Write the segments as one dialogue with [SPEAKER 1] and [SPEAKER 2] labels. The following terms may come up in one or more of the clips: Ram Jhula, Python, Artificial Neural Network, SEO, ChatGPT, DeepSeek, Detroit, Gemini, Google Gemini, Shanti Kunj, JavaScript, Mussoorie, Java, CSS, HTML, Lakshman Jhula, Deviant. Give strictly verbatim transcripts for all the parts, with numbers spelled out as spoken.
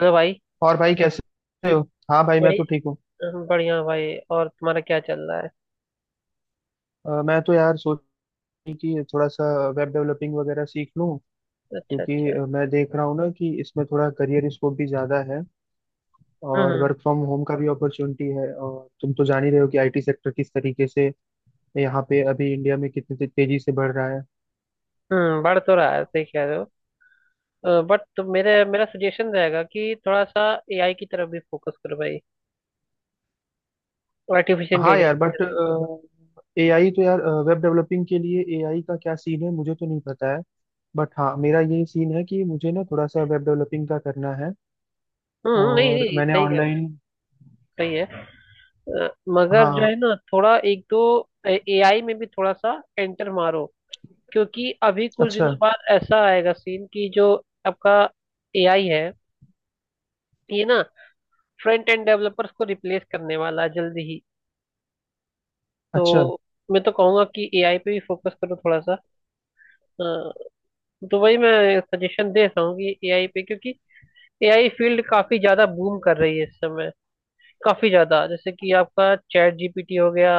[SPEAKER 1] Hello भाई।
[SPEAKER 2] और भाई कैसे हो। हाँ भाई, मैं तो ठीक
[SPEAKER 1] बढ़िया।
[SPEAKER 2] हूँ।
[SPEAKER 1] बढ़िया भाई, और तुम्हारा क्या चल रहा है?
[SPEAKER 2] अ, मैं तो यार सोच रही कि थोड़ा सा वेब डेवलपिंग वगैरह सीख लूँ।
[SPEAKER 1] अच्छा,
[SPEAKER 2] क्योंकि
[SPEAKER 1] अच्छा।
[SPEAKER 2] मैं देख रहा हूँ ना कि इसमें थोड़ा करियर स्कोप भी ज़्यादा है और
[SPEAKER 1] हम्म।
[SPEAKER 2] वर्क फ्रॉम होम का भी अपॉर्चुनिटी है और तुम तो जान ही रहे हो कि आईटी सेक्टर किस तरीके से यहाँ पे अभी इंडिया में कितनी ते- तेजी से बढ़ रहा है।
[SPEAKER 1] हम्म, बढ़ तो रहा है। सही कह रहे हो, बट तो मेरे मेरा सजेशन रहेगा कि थोड़ा सा ए आई की तरफ भी फोकस करो भाई, आर्टिफिशियल
[SPEAKER 2] हाँ
[SPEAKER 1] इंटेलिजेंस
[SPEAKER 2] यार,
[SPEAKER 1] की
[SPEAKER 2] बट
[SPEAKER 1] तरफ।
[SPEAKER 2] एआई तो यार वेब डेवलपिंग के लिए एआई का क्या सीन है, मुझे तो नहीं पता है। बट हाँ मेरा ये सीन है कि मुझे ना थोड़ा सा वेब डेवलपिंग का करना है।
[SPEAKER 1] हम्म। नहीं
[SPEAKER 2] और
[SPEAKER 1] नहीं,
[SPEAKER 2] मैंने
[SPEAKER 1] सही कह रहे हो।
[SPEAKER 2] ऑनलाइन।
[SPEAKER 1] सही है। अ, मगर जो
[SPEAKER 2] हाँ,
[SPEAKER 1] है ना, थोड़ा एक दो एआई में भी थोड़ा सा एंटर मारो, क्योंकि अभी कुछ
[SPEAKER 2] अच्छा
[SPEAKER 1] दिनों बाद ऐसा आएगा सीन कि जो आपका एआई है ये ना फ्रंट एंड डेवलपर्स को रिप्लेस करने वाला है जल्दी ही। तो
[SPEAKER 2] अच्छा।
[SPEAKER 1] मैं तो कहूंगा कि एआई पे भी फोकस करो थोड़ा सा। अ, तो वही मैं सजेशन दे रहा हूँ कि एआई पे, क्योंकि एआई फील्ड काफी ज्यादा बूम कर रही है इस समय, काफी ज्यादा। जैसे कि आपका चैट जी पी टी हो गया,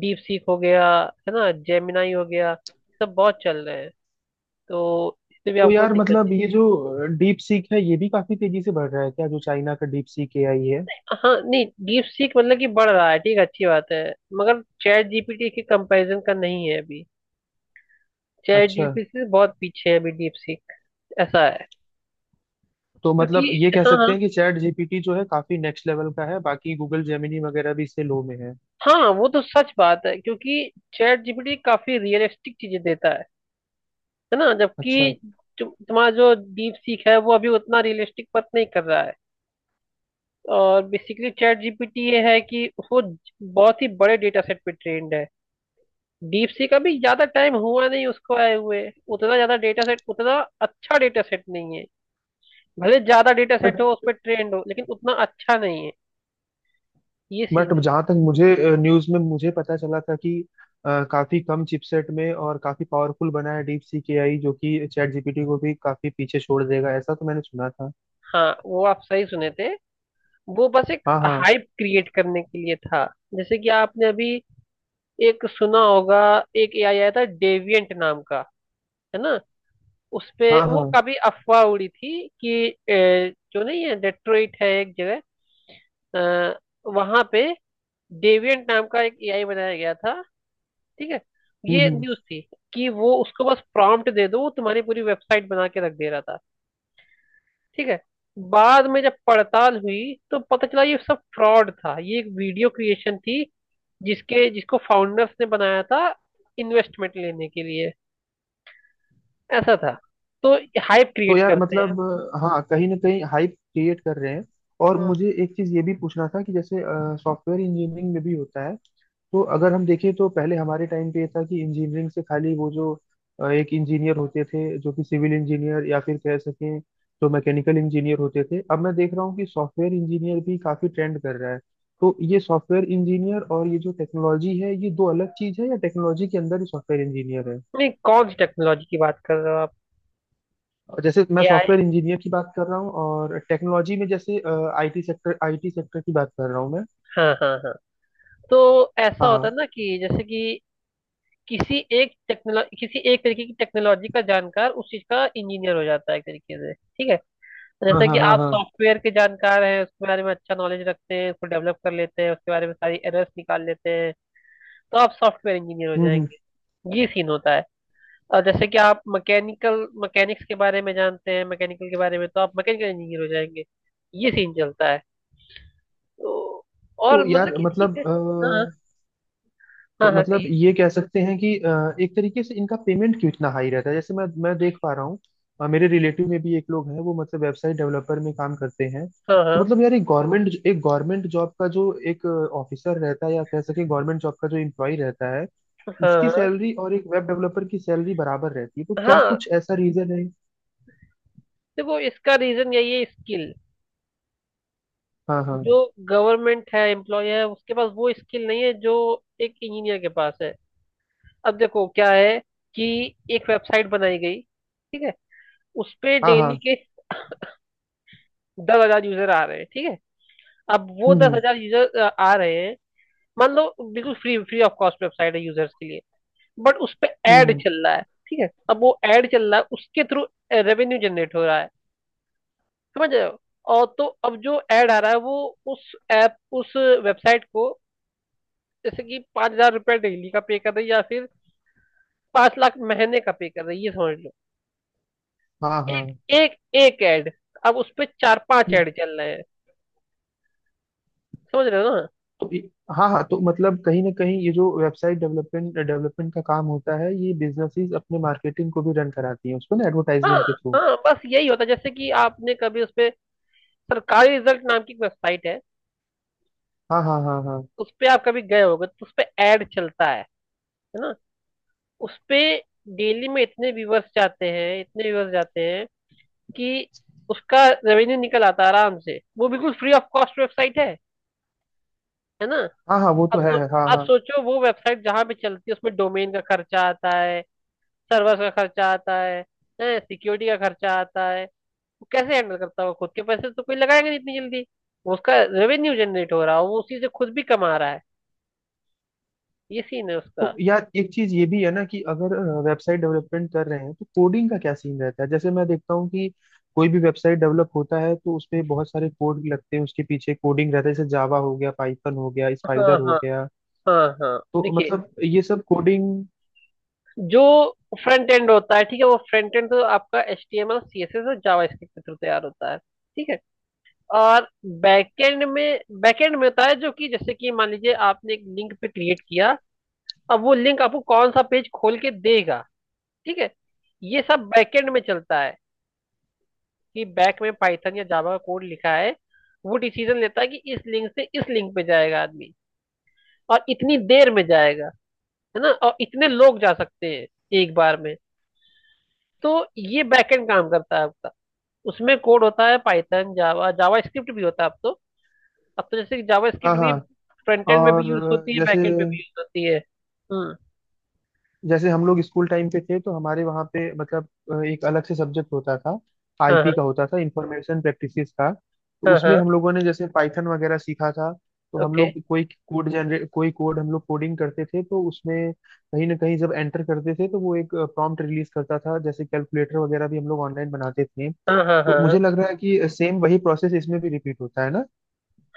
[SPEAKER 1] डीप सीक हो गया, है ना, जेमिनाई हो गया, सब बहुत चल रहे हैं, तो इससे भी
[SPEAKER 2] तो
[SPEAKER 1] आपको
[SPEAKER 2] यार
[SPEAKER 1] दिक्कत
[SPEAKER 2] मतलब
[SPEAKER 1] चाहिए।
[SPEAKER 2] ये जो डीप सीक है ये भी काफी तेजी से बढ़ रहा है क्या, जो चाइना का डीप सीक एआई है।
[SPEAKER 1] हाँ, नहीं, डीप सीक मतलब कि बढ़ रहा है, ठीक है, अच्छी बात है, मगर चैट जीपीटी के कंपैरिजन का नहीं है अभी। चैट
[SPEAKER 2] अच्छा।
[SPEAKER 1] जीपीटी से बहुत पीछे है अभी डीप सीक, ऐसा है।
[SPEAKER 2] तो
[SPEAKER 1] क्योंकि
[SPEAKER 2] मतलब ये कह
[SPEAKER 1] हाँ
[SPEAKER 2] सकते
[SPEAKER 1] हाँ,
[SPEAKER 2] हैं कि चैट जीपीटी जो है काफी नेक्स्ट लेवल का है, बाकी गूगल जेमिनी वगैरह भी इससे लो में है।
[SPEAKER 1] हाँ वो तो सच बात है, क्योंकि चैट जीपीटी काफी रियलिस्टिक चीजें देता है है ना,
[SPEAKER 2] अच्छा।
[SPEAKER 1] जबकि तु, तुम्हारा जो डीप सीख है वो अभी उतना रियलिस्टिक बात नहीं कर रहा है। और बेसिकली चैट जीपीटी ये है कि वो ज- बहुत ही बड़े डेटा सेट पे ट्रेंड है। डीप सीख अभी ज्यादा टाइम हुआ नहीं उसको आए हुए, उतना ज्यादा डेटा सेट, उतना अच्छा डेटा सेट नहीं है। भले ज्यादा डेटा सेट
[SPEAKER 2] बट
[SPEAKER 1] हो उस पर ट्रेंड हो, लेकिन उतना अच्छा नहीं है। ये सीन
[SPEAKER 2] बट
[SPEAKER 1] है।
[SPEAKER 2] जहां तक मुझे न्यूज में मुझे पता चला था कि अ, काफी कम चिपसेट में और काफी पावरफुल बना है डीप सीक एआई, जो कि चैट जीपीटी को भी काफी पीछे छोड़ देगा, ऐसा तो मैंने सुना था।
[SPEAKER 1] हाँ, वो आप सही सुने थे, वो बस एक
[SPEAKER 2] हाँ हाँ
[SPEAKER 1] हाइप क्रिएट करने के लिए था। जैसे कि आपने अभी एक सुना होगा, एक एआई आया था डेविएंट नाम का, है ना, उसपे
[SPEAKER 2] हाँ
[SPEAKER 1] वो
[SPEAKER 2] हाँ।
[SPEAKER 1] कभी अफवाह उड़ी थी कि अ, जो नहीं है, डेट्रॉइट है एक जगह, वहां पे डेविएंट नाम का एक एआई बनाया गया था, ठीक है।
[SPEAKER 2] हम्म
[SPEAKER 1] ये
[SPEAKER 2] हम्म।
[SPEAKER 1] न्यूज़ थी कि वो उसको बस प्रॉम्प्ट दे दो, वो तुम्हारी पूरी वेबसाइट बना के रख दे रहा था, ठीक है। बाद में जब पड़ताल हुई तो पता चला ये सब फ्रॉड था, ये एक वीडियो क्रिएशन थी, जिसके जिसको फाउंडर्स ने बनाया था इन्वेस्टमेंट लेने के लिए। ऐसा था, तो हाइप
[SPEAKER 2] तो
[SPEAKER 1] क्रिएट
[SPEAKER 2] यार
[SPEAKER 1] करते हैं।
[SPEAKER 2] मतलब, हाँ, कहीं ना कहीं हाइप क्रिएट कर रहे हैं। और
[SPEAKER 1] हम्म।
[SPEAKER 2] मुझे एक चीज ये भी पूछना था कि जैसे सॉफ्टवेयर इंजीनियरिंग में भी होता है। तो अगर हम देखें तो पहले हमारे टाइम पे ये था कि इंजीनियरिंग से खाली वो जो अ, एक इंजीनियर होते थे जो कि सिविल इंजीनियर या फिर कह सकें जो मैकेनिकल इंजीनियर होते थे। अब मैं देख रहा हूँ कि सॉफ्टवेयर इंजीनियर भी काफी ट्रेंड कर रहा है। तो ये सॉफ्टवेयर इंजीनियर और ये जो टेक्नोलॉजी है, ये दो अलग चीज है या टेक्नोलॉजी के अंदर ही सॉफ्टवेयर इंजीनियर है?
[SPEAKER 1] नहीं, कौन सी टेक्नोलॉजी की बात कर रहे हो आप?
[SPEAKER 2] और जैसे मैं
[SPEAKER 1] एआई?
[SPEAKER 2] सॉफ्टवेयर इंजीनियर की बात कर रहा हूँ और टेक्नोलॉजी में जैसे आईटी सेक्टर, आईटी सेक्टर की बात कर रहा हूँ मैं।
[SPEAKER 1] हाँ हाँ हाँ, तो ऐसा होता
[SPEAKER 2] हाँ
[SPEAKER 1] है ना, कि जैसे कि किसी एक टेक्नोलॉजी, किसी एक तरीके की टेक्नोलॉजी का जानकार उस चीज का इंजीनियर हो जाता है एक तरीके से, ठीक है।
[SPEAKER 2] हाँ
[SPEAKER 1] जैसे कि
[SPEAKER 2] हाँ हाँ
[SPEAKER 1] आप
[SPEAKER 2] हाँ।
[SPEAKER 1] सॉफ्टवेयर के जानकार हैं, उसके बारे में अच्छा नॉलेज रखते हैं, उसको डेवलप कर लेते हैं, उसके बारे में सारी एरर्स निकाल लेते हैं, तो आप सॉफ्टवेयर इंजीनियर हो
[SPEAKER 2] हम्म हम्म।
[SPEAKER 1] जाएंगे। ये सीन होता है। और जैसे कि आप मैकेनिकल मैकेनिक्स के बारे में जानते हैं, मैकेनिकल के बारे में, तो आप मैकेनिकल इंजीनियर हो जाएंगे। ये सीन चलता है। तो
[SPEAKER 2] तो
[SPEAKER 1] और मतलब
[SPEAKER 2] यार
[SPEAKER 1] कि ठीक
[SPEAKER 2] मतलब
[SPEAKER 1] है। हाँ
[SPEAKER 2] अ,
[SPEAKER 1] हाँ
[SPEAKER 2] तो
[SPEAKER 1] हाँ हाँ,
[SPEAKER 2] मतलब
[SPEAKER 1] कहिए।
[SPEAKER 2] ये कह सकते हैं कि अ, एक तरीके से इनका पेमेंट क्यों इतना हाई रहता है, जैसे मैं मैं देख पा रहा हूँ। अ, मेरे रिलेटिव में भी एक लोग हैं, वो मतलब वेबसाइट डेवलपर में काम करते हैं।
[SPEAKER 1] हाँ
[SPEAKER 2] तो
[SPEAKER 1] हाँ
[SPEAKER 2] मतलब यार एक गवर्नमेंट एक गवर्नमेंट जॉब का जो एक ऑफिसर रहता है या कह सके गवर्नमेंट जॉब का जो एम्प्लॉय रहता है, उसकी
[SPEAKER 1] हाँ
[SPEAKER 2] सैलरी और एक वेब डेवलपर की सैलरी बराबर रहती है, तो
[SPEAKER 1] हाँ
[SPEAKER 2] क्या
[SPEAKER 1] हाँ।
[SPEAKER 2] कुछ ऐसा रीजन है?
[SPEAKER 1] देखो, इसका रीजन यही है, स्किल।
[SPEAKER 2] हाँ हाँ
[SPEAKER 1] जो गवर्नमेंट है, एम्प्लॉय है, उसके पास वो स्किल नहीं है जो एक इंजीनियर के पास है। अब देखो क्या है, कि एक वेबसाइट बनाई गई, ठीक है, उस पे
[SPEAKER 2] हाँ
[SPEAKER 1] डेली
[SPEAKER 2] हाँ।
[SPEAKER 1] के दस हज़ार यूजर आ रहे हैं, ठीक है। अब वो
[SPEAKER 2] हम्म
[SPEAKER 1] दस
[SPEAKER 2] हम्म
[SPEAKER 1] हजार यूजर आ रहे हैं, मान लो, बिल्कुल free free off cost website है यूजर्स के लिए, बट उस पे
[SPEAKER 2] हम्म,
[SPEAKER 1] एड
[SPEAKER 2] हम्म,
[SPEAKER 1] चल रहा है, ठीक है। अब वो एड चल रहा है, उसके थ्रू रेवेन्यू जनरेट हो रहा है, समझ रहे हो, और तो अब जो एड आ रहा है, वो उस ऐप उस वेबसाइट को जैसे कि पाँच हज़ार रुपये डेली का पे कर रही है, या फिर पाँच लाख महीने का पे कर रही है, ये समझ लो,
[SPEAKER 2] हाँ
[SPEAKER 1] एक
[SPEAKER 2] हाँ।
[SPEAKER 1] एक एक ऐड। अब उस पे चार पांच
[SPEAKER 2] हम्म,
[SPEAKER 1] ऐड चल रहे हैं, समझ रहे हो ना?
[SPEAKER 2] तो ये- हाँ हाँ, तो मतलब कहीं ना कहीं ये जो वेबसाइट डेवलपमेंट डेवलपमेंट का काम होता है, ये बिजनेसेस अपने मार्केटिंग को भी रन कराती हैं उसको ना,
[SPEAKER 1] हाँ
[SPEAKER 2] एडवर्टाइजमेंट के थ्रू।
[SPEAKER 1] हाँ, बस यही होता है। जैसे कि आपने कभी उस पे, सरकारी रिजल्ट नाम की वेबसाइट है,
[SPEAKER 2] हाँ हाँ हाँ हाँ।
[SPEAKER 1] उस पे आप कभी गए होगे, तो उस पे ऐड चलता है है ना, उस पे डेली में इतने व्यूवर्स जाते हैं, इतने व्यूवर्स जाते हैं, कि उसका रेवेन्यू निकल आता है आराम से। वो बिल्कुल फ्री ऑफ कॉस्ट वेबसाइट है है ना।
[SPEAKER 2] हाँ हाँ वो तो
[SPEAKER 1] आप
[SPEAKER 2] है,
[SPEAKER 1] सो,
[SPEAKER 2] हाँ
[SPEAKER 1] आप
[SPEAKER 2] हाँ।
[SPEAKER 1] सोचो, वो वेबसाइट जहाँ पे चलती है उसमें डोमेन का खर्चा आता है, सर्वर का खर्चा आता है, सिक्योरिटी का खर्चा आता है। वो कैसे हैंडल करता होगा? खुद के पैसे तो कोई लगाएगा नहीं इतनी जल्दी। वो उसका रेवेन्यू जनरेट हो रहा है, वो उसी से खुद भी कमा रहा है। ये सीन है उसका।
[SPEAKER 2] तो यार एक चीज ये भी है ना कि अगर वेबसाइट डेवलपमेंट कर रहे हैं तो कोडिंग का क्या सीन रहता है, जैसे मैं देखता हूँ कि कोई भी वेबसाइट डेवलप होता है तो उसपे बहुत सारे कोड लगते हैं, उसके पीछे कोडिंग रहता है, जैसे जावा हो गया, पाइथन हो गया,
[SPEAKER 1] हाँ
[SPEAKER 2] स्पाइडर हो
[SPEAKER 1] हाँ
[SPEAKER 2] गया।
[SPEAKER 1] हाँ हाँ,
[SPEAKER 2] तो
[SPEAKER 1] देखिए,
[SPEAKER 2] मतलब ये सब कोडिंग।
[SPEAKER 1] जो फ्रंट एंड होता है, ठीक है, वो फ्रंट एंड तो आपका H T M L, C S S और जावा स्क्रिप्ट के थ्रू तैयार होता है, ठीक है। और बैकएंड में बैकएंड में होता है, जो कि जैसे कि मान लीजिए आपने एक लिंक पे क्रिएट किया, अब वो लिंक आपको कौन सा पेज खोल के देगा, ठीक है, ये सब बैकएंड में चलता है, कि बैक में पाइथन या जावा का कोड लिखा है, वो डिसीजन लेता है कि इस लिंक से इस लिंक पे जाएगा आदमी, और इतनी देर में जाएगा, है ना, और इतने लोग जा सकते हैं एक बार में। तो ये बैकएंड काम करता है आपका, उसमें कोड होता है पाइथन, जावा, जावा स्क्रिप्ट भी होता है, अब तो अब तो जैसे जावा
[SPEAKER 2] हाँ
[SPEAKER 1] स्क्रिप्ट भी
[SPEAKER 2] हाँ।
[SPEAKER 1] फ्रंट एंड में भी यूज
[SPEAKER 2] और
[SPEAKER 1] होती है,
[SPEAKER 2] जैसे
[SPEAKER 1] बैक एंड में भी यूज होती है। हम्म,
[SPEAKER 2] जैसे हम लोग स्कूल टाइम पे थे तो हमारे वहाँ पे मतलब अ, एक अलग से सब्जेक्ट होता था,
[SPEAKER 1] हाँ हाँ
[SPEAKER 2] आईपी का होता था, इंफॉर्मेशन प्रैक्टिसेस का। तो
[SPEAKER 1] हाँ
[SPEAKER 2] उसमें
[SPEAKER 1] हाँ,
[SPEAKER 2] हम लोगों ने जैसे पाइथन वगैरह सीखा था। तो हम
[SPEAKER 1] ओके,
[SPEAKER 2] लोग कोई कोड जनरेट कोई कोड हम लोग कोडिंग करते थे, तो उसमें कहीं ना कहीं जब एंटर करते थे तो वो एक प्रॉम्प्ट रिलीज करता था, जैसे कैलकुलेटर वगैरह भी हम लोग ऑनलाइन बनाते थे।
[SPEAKER 1] हाँ हाँ हाँ
[SPEAKER 2] तो
[SPEAKER 1] हाँ।
[SPEAKER 2] मुझे लग रहा है कि सेम वही प्रोसेस इसमें भी रिपीट होता है ना।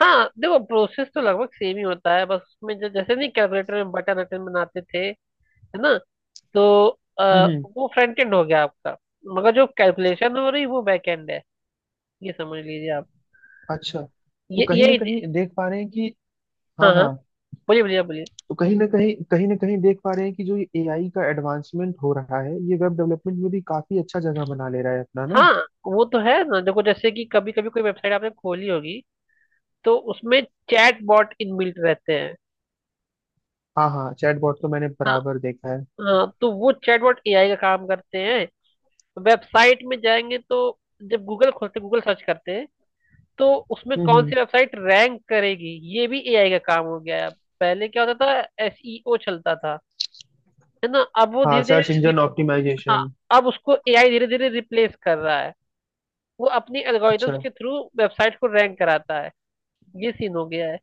[SPEAKER 1] हाँ देखो, प्रोसेस तो लगभग सेम ही होता है, बस उसमें जो जैसे, नहीं, कैलकुलेटर में बटन अटन बनाते थे, है ना, तो
[SPEAKER 2] हम्म
[SPEAKER 1] आ,
[SPEAKER 2] हम्म।
[SPEAKER 1] वो फ्रंट एंड हो गया आपका, मगर जो कैलकुलेशन हो रही वो बैक एंड है, ये समझ लीजिए आप।
[SPEAKER 2] अच्छा, तो
[SPEAKER 1] ये
[SPEAKER 2] कहीं ना
[SPEAKER 1] ये
[SPEAKER 2] कहीं देख पा रहे हैं कि। हाँ
[SPEAKER 1] हाँ हाँ,
[SPEAKER 2] हाँ।
[SPEAKER 1] बोलिए बोलिए, आप बोलिए।
[SPEAKER 2] तो कहीं ना कहीं कहीं ना कहीं देख पा रहे हैं कि जो ये एआई का एडवांसमेंट हो रहा है, ये वेब डेवलपमेंट में भी काफी अच्छा जगह बना ले रहा है अपना ना।
[SPEAKER 1] हाँ, वो तो है ना, देखो, जैसे कि कभी कभी कोई वेबसाइट आपने खोली होगी तो उसमें चैट बॉट इनबिल्ट रहते हैं।
[SPEAKER 2] हाँ हाँ, चैटबॉट तो मैंने
[SPEAKER 1] हाँ
[SPEAKER 2] बराबर देखा है।
[SPEAKER 1] हाँ, तो वो चैट बॉट एआई का काम करते हैं। वेबसाइट में जाएंगे तो, जब गूगल खोलते, गूगल सर्च करते हैं, तो उसमें
[SPEAKER 2] हम्म
[SPEAKER 1] कौन
[SPEAKER 2] हम्म।
[SPEAKER 1] सी वेबसाइट रैंक करेगी, ये भी एआई का काम हो गया है अब। पहले क्या होता था, एस ई ओ चलता था, है ना, अब वो
[SPEAKER 2] हाँ,
[SPEAKER 1] धीरे
[SPEAKER 2] सर्च
[SPEAKER 1] धीरे,
[SPEAKER 2] इंजन
[SPEAKER 1] हाँ,
[SPEAKER 2] ऑप्टिमाइजेशन।
[SPEAKER 1] अब उसको एआई धीरे धीरे रिप्लेस कर रहा है। वो अपनी
[SPEAKER 2] अच्छा।
[SPEAKER 1] एल्गोरिदम्स के थ्रू वेबसाइट को रैंक कराता है, ये सीन हो गया है।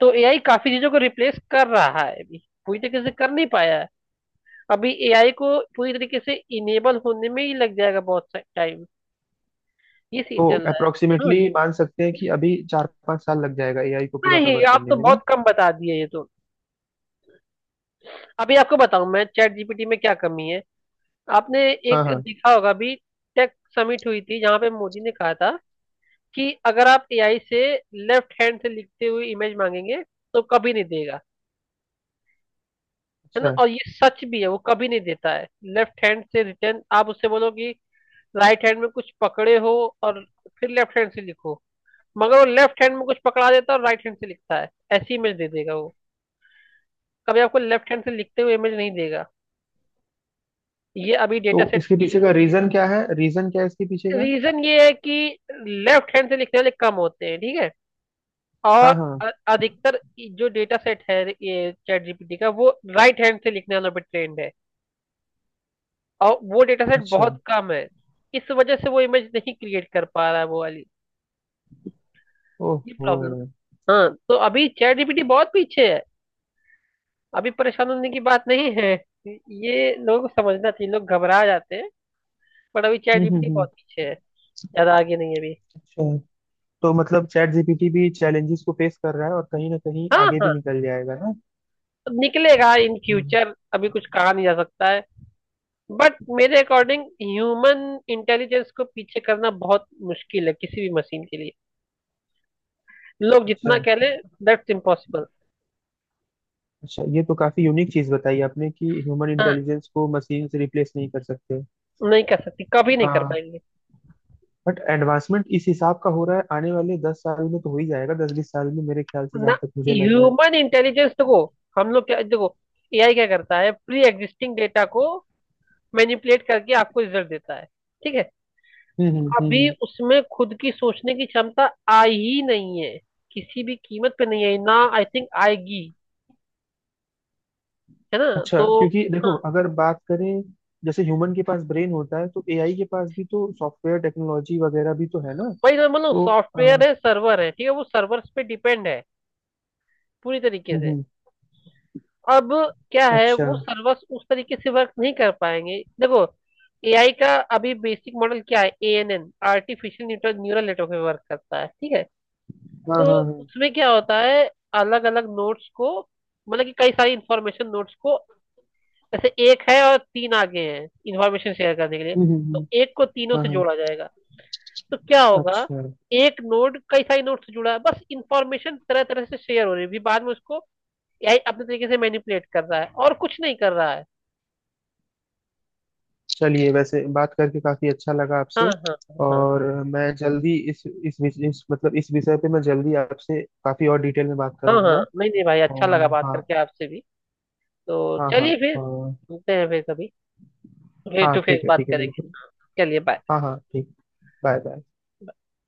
[SPEAKER 1] तो एआई काफी चीजों को रिप्लेस कर रहा है अभी, पूरी तरीके से कर नहीं पाया है। अभी एआई को पूरी तरीके से इनेबल होने में ही लग जाएगा बहुत टाइम, ये
[SPEAKER 2] तो
[SPEAKER 1] सीन चल रहा है। हाँ,
[SPEAKER 2] अप्रोक्सीमेटली मान सकते हैं कि अभी चार पांच साल लग जाएगा एआई को पूरा
[SPEAKER 1] नहीं
[SPEAKER 2] कवर
[SPEAKER 1] आप
[SPEAKER 2] करने
[SPEAKER 1] तो
[SPEAKER 2] में ना।
[SPEAKER 1] बहुत कम बता दिए, ये तो अभी आपको बताऊं मैं चैट जीपीटी में क्या कमी है। आपने
[SPEAKER 2] हाँ
[SPEAKER 1] एक
[SPEAKER 2] हाँ।
[SPEAKER 1] देखा होगा अभी, टेक समिट हुई थी जहां पे मोदी ने कहा था कि अगर आप एआई से लेफ्ट हैंड से लिखते हुए इमेज मांगेंगे, तो कभी नहीं देगा, है ना,
[SPEAKER 2] अच्छा।
[SPEAKER 1] और ये सच भी है, वो कभी नहीं देता है लेफ्ट हैंड से रिटर्न। आप उससे बोलो कि राइट हैंड में कुछ पकड़े हो और फिर लेफ्ट हैंड से लिखो, मगर वो लेफ्ट हैंड में कुछ पकड़ा देता है और राइट हैंड से लिखता है, ऐसी इमेज दे देगा वो, कभी आपको लेफ्ट हैंड से लिखते हुए इमेज नहीं देगा। ये अभी
[SPEAKER 2] तो
[SPEAKER 1] डेटा सेट
[SPEAKER 2] इसके
[SPEAKER 1] की,
[SPEAKER 2] पीछे का रीजन क्या है रीजन क्या है इसके पीछे का?
[SPEAKER 1] रीजन ये है कि लेफ्ट हैंड से लिखने वाले कम होते हैं, ठीक है,
[SPEAKER 2] हाँ
[SPEAKER 1] और
[SPEAKER 2] हाँ।
[SPEAKER 1] अ- अधिकतर जो डेटा सेट है ये चैट जीपीटी का, वो राइट हैंड से लिखने वालों पर ट्रेंड है, और वो डेटा सेट
[SPEAKER 2] अच्छा।
[SPEAKER 1] बहुत कम है। इस वजह से वो इमेज नहीं क्रिएट कर पा रहा है, वो वाली। ये
[SPEAKER 2] ओहो।
[SPEAKER 1] प्रॉब्लम। हाँ तो अभी चैट जीपीटी बहुत पीछे है, अभी परेशान होने की बात नहीं है, ये लोग समझना चाहिए, लोग घबरा जाते हैं, बट अभी चैट
[SPEAKER 2] हम्म हम्म
[SPEAKER 1] जीपीटी
[SPEAKER 2] हम्म।
[SPEAKER 1] बहुत पीछे है, ज्यादा आगे नहीं है अभी।
[SPEAKER 2] अच्छा, तो मतलब चैट जीपीटी भी चैलेंजेस को फेस कर रहा है और कहीं ना कहीं
[SPEAKER 1] हाँ
[SPEAKER 2] आगे भी
[SPEAKER 1] हाँ,
[SPEAKER 2] निकल जाएगा ना।
[SPEAKER 1] तो निकलेगा इन
[SPEAKER 2] हम्म।
[SPEAKER 1] फ्यूचर, अभी कुछ कहा नहीं जा सकता है, बट मेरे अकॉर्डिंग ह्यूमन इंटेलिजेंस को पीछे करना बहुत मुश्किल है किसी भी मशीन के लिए, लोग
[SPEAKER 2] अच्छा।
[SPEAKER 1] जितना कह ले। That's impossible.
[SPEAKER 2] अच्छा, ये तो काफी यूनिक चीज बताई आपने कि ह्यूमन
[SPEAKER 1] हाँ,
[SPEAKER 2] इंटेलिजेंस को मशीन से रिप्लेस नहीं कर सकते।
[SPEAKER 1] नहीं कर सकती, कभी नहीं कर
[SPEAKER 2] हाँ।
[SPEAKER 1] पाएंगे
[SPEAKER 2] बट एडवांसमेंट इस हिसाब का हो रहा है, आने वाले दस साल में तो हो ही जाएगा, दस बीस साल में मेरे ख्याल से,
[SPEAKER 1] ना
[SPEAKER 2] जहां तक मुझे लग रहा है।
[SPEAKER 1] ह्यूमन इंटेलिजेंस को। हम लोग क्या, देखो एआई क्या करता है, प्री एग्जिस्टिंग डेटा को मैनिपुलेट करके आपको रिजल्ट देता है, ठीक है।
[SPEAKER 2] हम्म हम्म हम्म
[SPEAKER 1] अभी
[SPEAKER 2] हम्म।
[SPEAKER 1] उसमें खुद की सोचने की क्षमता आई ही नहीं है, किसी भी कीमत पे नहीं आई, ना आई थिंक आएगी, है ना,
[SPEAKER 2] अच्छा,
[SPEAKER 1] तो।
[SPEAKER 2] क्योंकि देखो अगर बात करें जैसे ह्यूमन के पास ब्रेन होता है तो एआई के पास भी तो सॉफ्टवेयर टेक्नोलॉजी वगैरह भी तो है ना?
[SPEAKER 1] भाई तो मतलब,
[SPEAKER 2] तो अ,
[SPEAKER 1] सॉफ्टवेयर
[SPEAKER 2] हम्म
[SPEAKER 1] है, सर्वर है, ठीक है, वो सर्वर्स पे डिपेंड है पूरी तरीके से।
[SPEAKER 2] हम्म,
[SPEAKER 1] अब क्या है,
[SPEAKER 2] अच्छा।
[SPEAKER 1] वो सर्वर्स उस तरीके से वर्क नहीं कर पाएंगे। देखो, एआई का अभी बेसिक मॉडल क्या है, A N N, artificial Newton neural network में वर्क करता है, ठीक है।
[SPEAKER 2] हाँ हाँ
[SPEAKER 1] तो
[SPEAKER 2] हाँ, हम्म
[SPEAKER 1] उसमें क्या होता है, अलग अलग नोट्स को, मतलब कि कई सारी इंफॉर्मेशन नोट्स को, जैसे एक है और तीन आगे हैं इंफॉर्मेशन शेयर करने के लिए,
[SPEAKER 2] हम्म
[SPEAKER 1] तो
[SPEAKER 2] हम्म।
[SPEAKER 1] एक को तीनों
[SPEAKER 2] हाँ
[SPEAKER 1] से
[SPEAKER 2] हाँ,
[SPEAKER 1] जोड़ा जाएगा, तो क्या होगा,
[SPEAKER 2] अच्छा।
[SPEAKER 1] एक नोड कई सारे नोड से जुड़ा है, बस इंफॉर्मेशन तरह तरह से शेयर हो रही है, भी बाद में उसको एआई अपने तरीके से मैनिपुलेट कर रहा है, और कुछ नहीं कर रहा है।
[SPEAKER 2] चलिए, वैसे बात करके काफी अच्छा लगा
[SPEAKER 1] हाँ
[SPEAKER 2] आपसे।
[SPEAKER 1] हाँ हाँ हाँ,
[SPEAKER 2] और मैं जल्दी इस इस विष- इस मतलब इस विषय पे मैं जल्दी आपसे काफी और डिटेल में बात
[SPEAKER 1] हाँ हाँ,
[SPEAKER 2] करूंगा।
[SPEAKER 1] नहीं नहीं भाई, अच्छा लगा
[SPEAKER 2] और
[SPEAKER 1] बात
[SPEAKER 2] हाँ।
[SPEAKER 1] करके आपसे भी। तो
[SPEAKER 2] हाँ हाँ
[SPEAKER 1] चलिए फिर,
[SPEAKER 2] और।
[SPEAKER 1] मिलते हैं फिर कभी, फेस
[SPEAKER 2] हाँ
[SPEAKER 1] टू फेस
[SPEAKER 2] ठीक है
[SPEAKER 1] बात
[SPEAKER 2] ठीक है
[SPEAKER 1] करेंगे।
[SPEAKER 2] बिल्कुल।
[SPEAKER 1] चलिए बाय।
[SPEAKER 2] हाँ हाँ ठीक। Bye bye.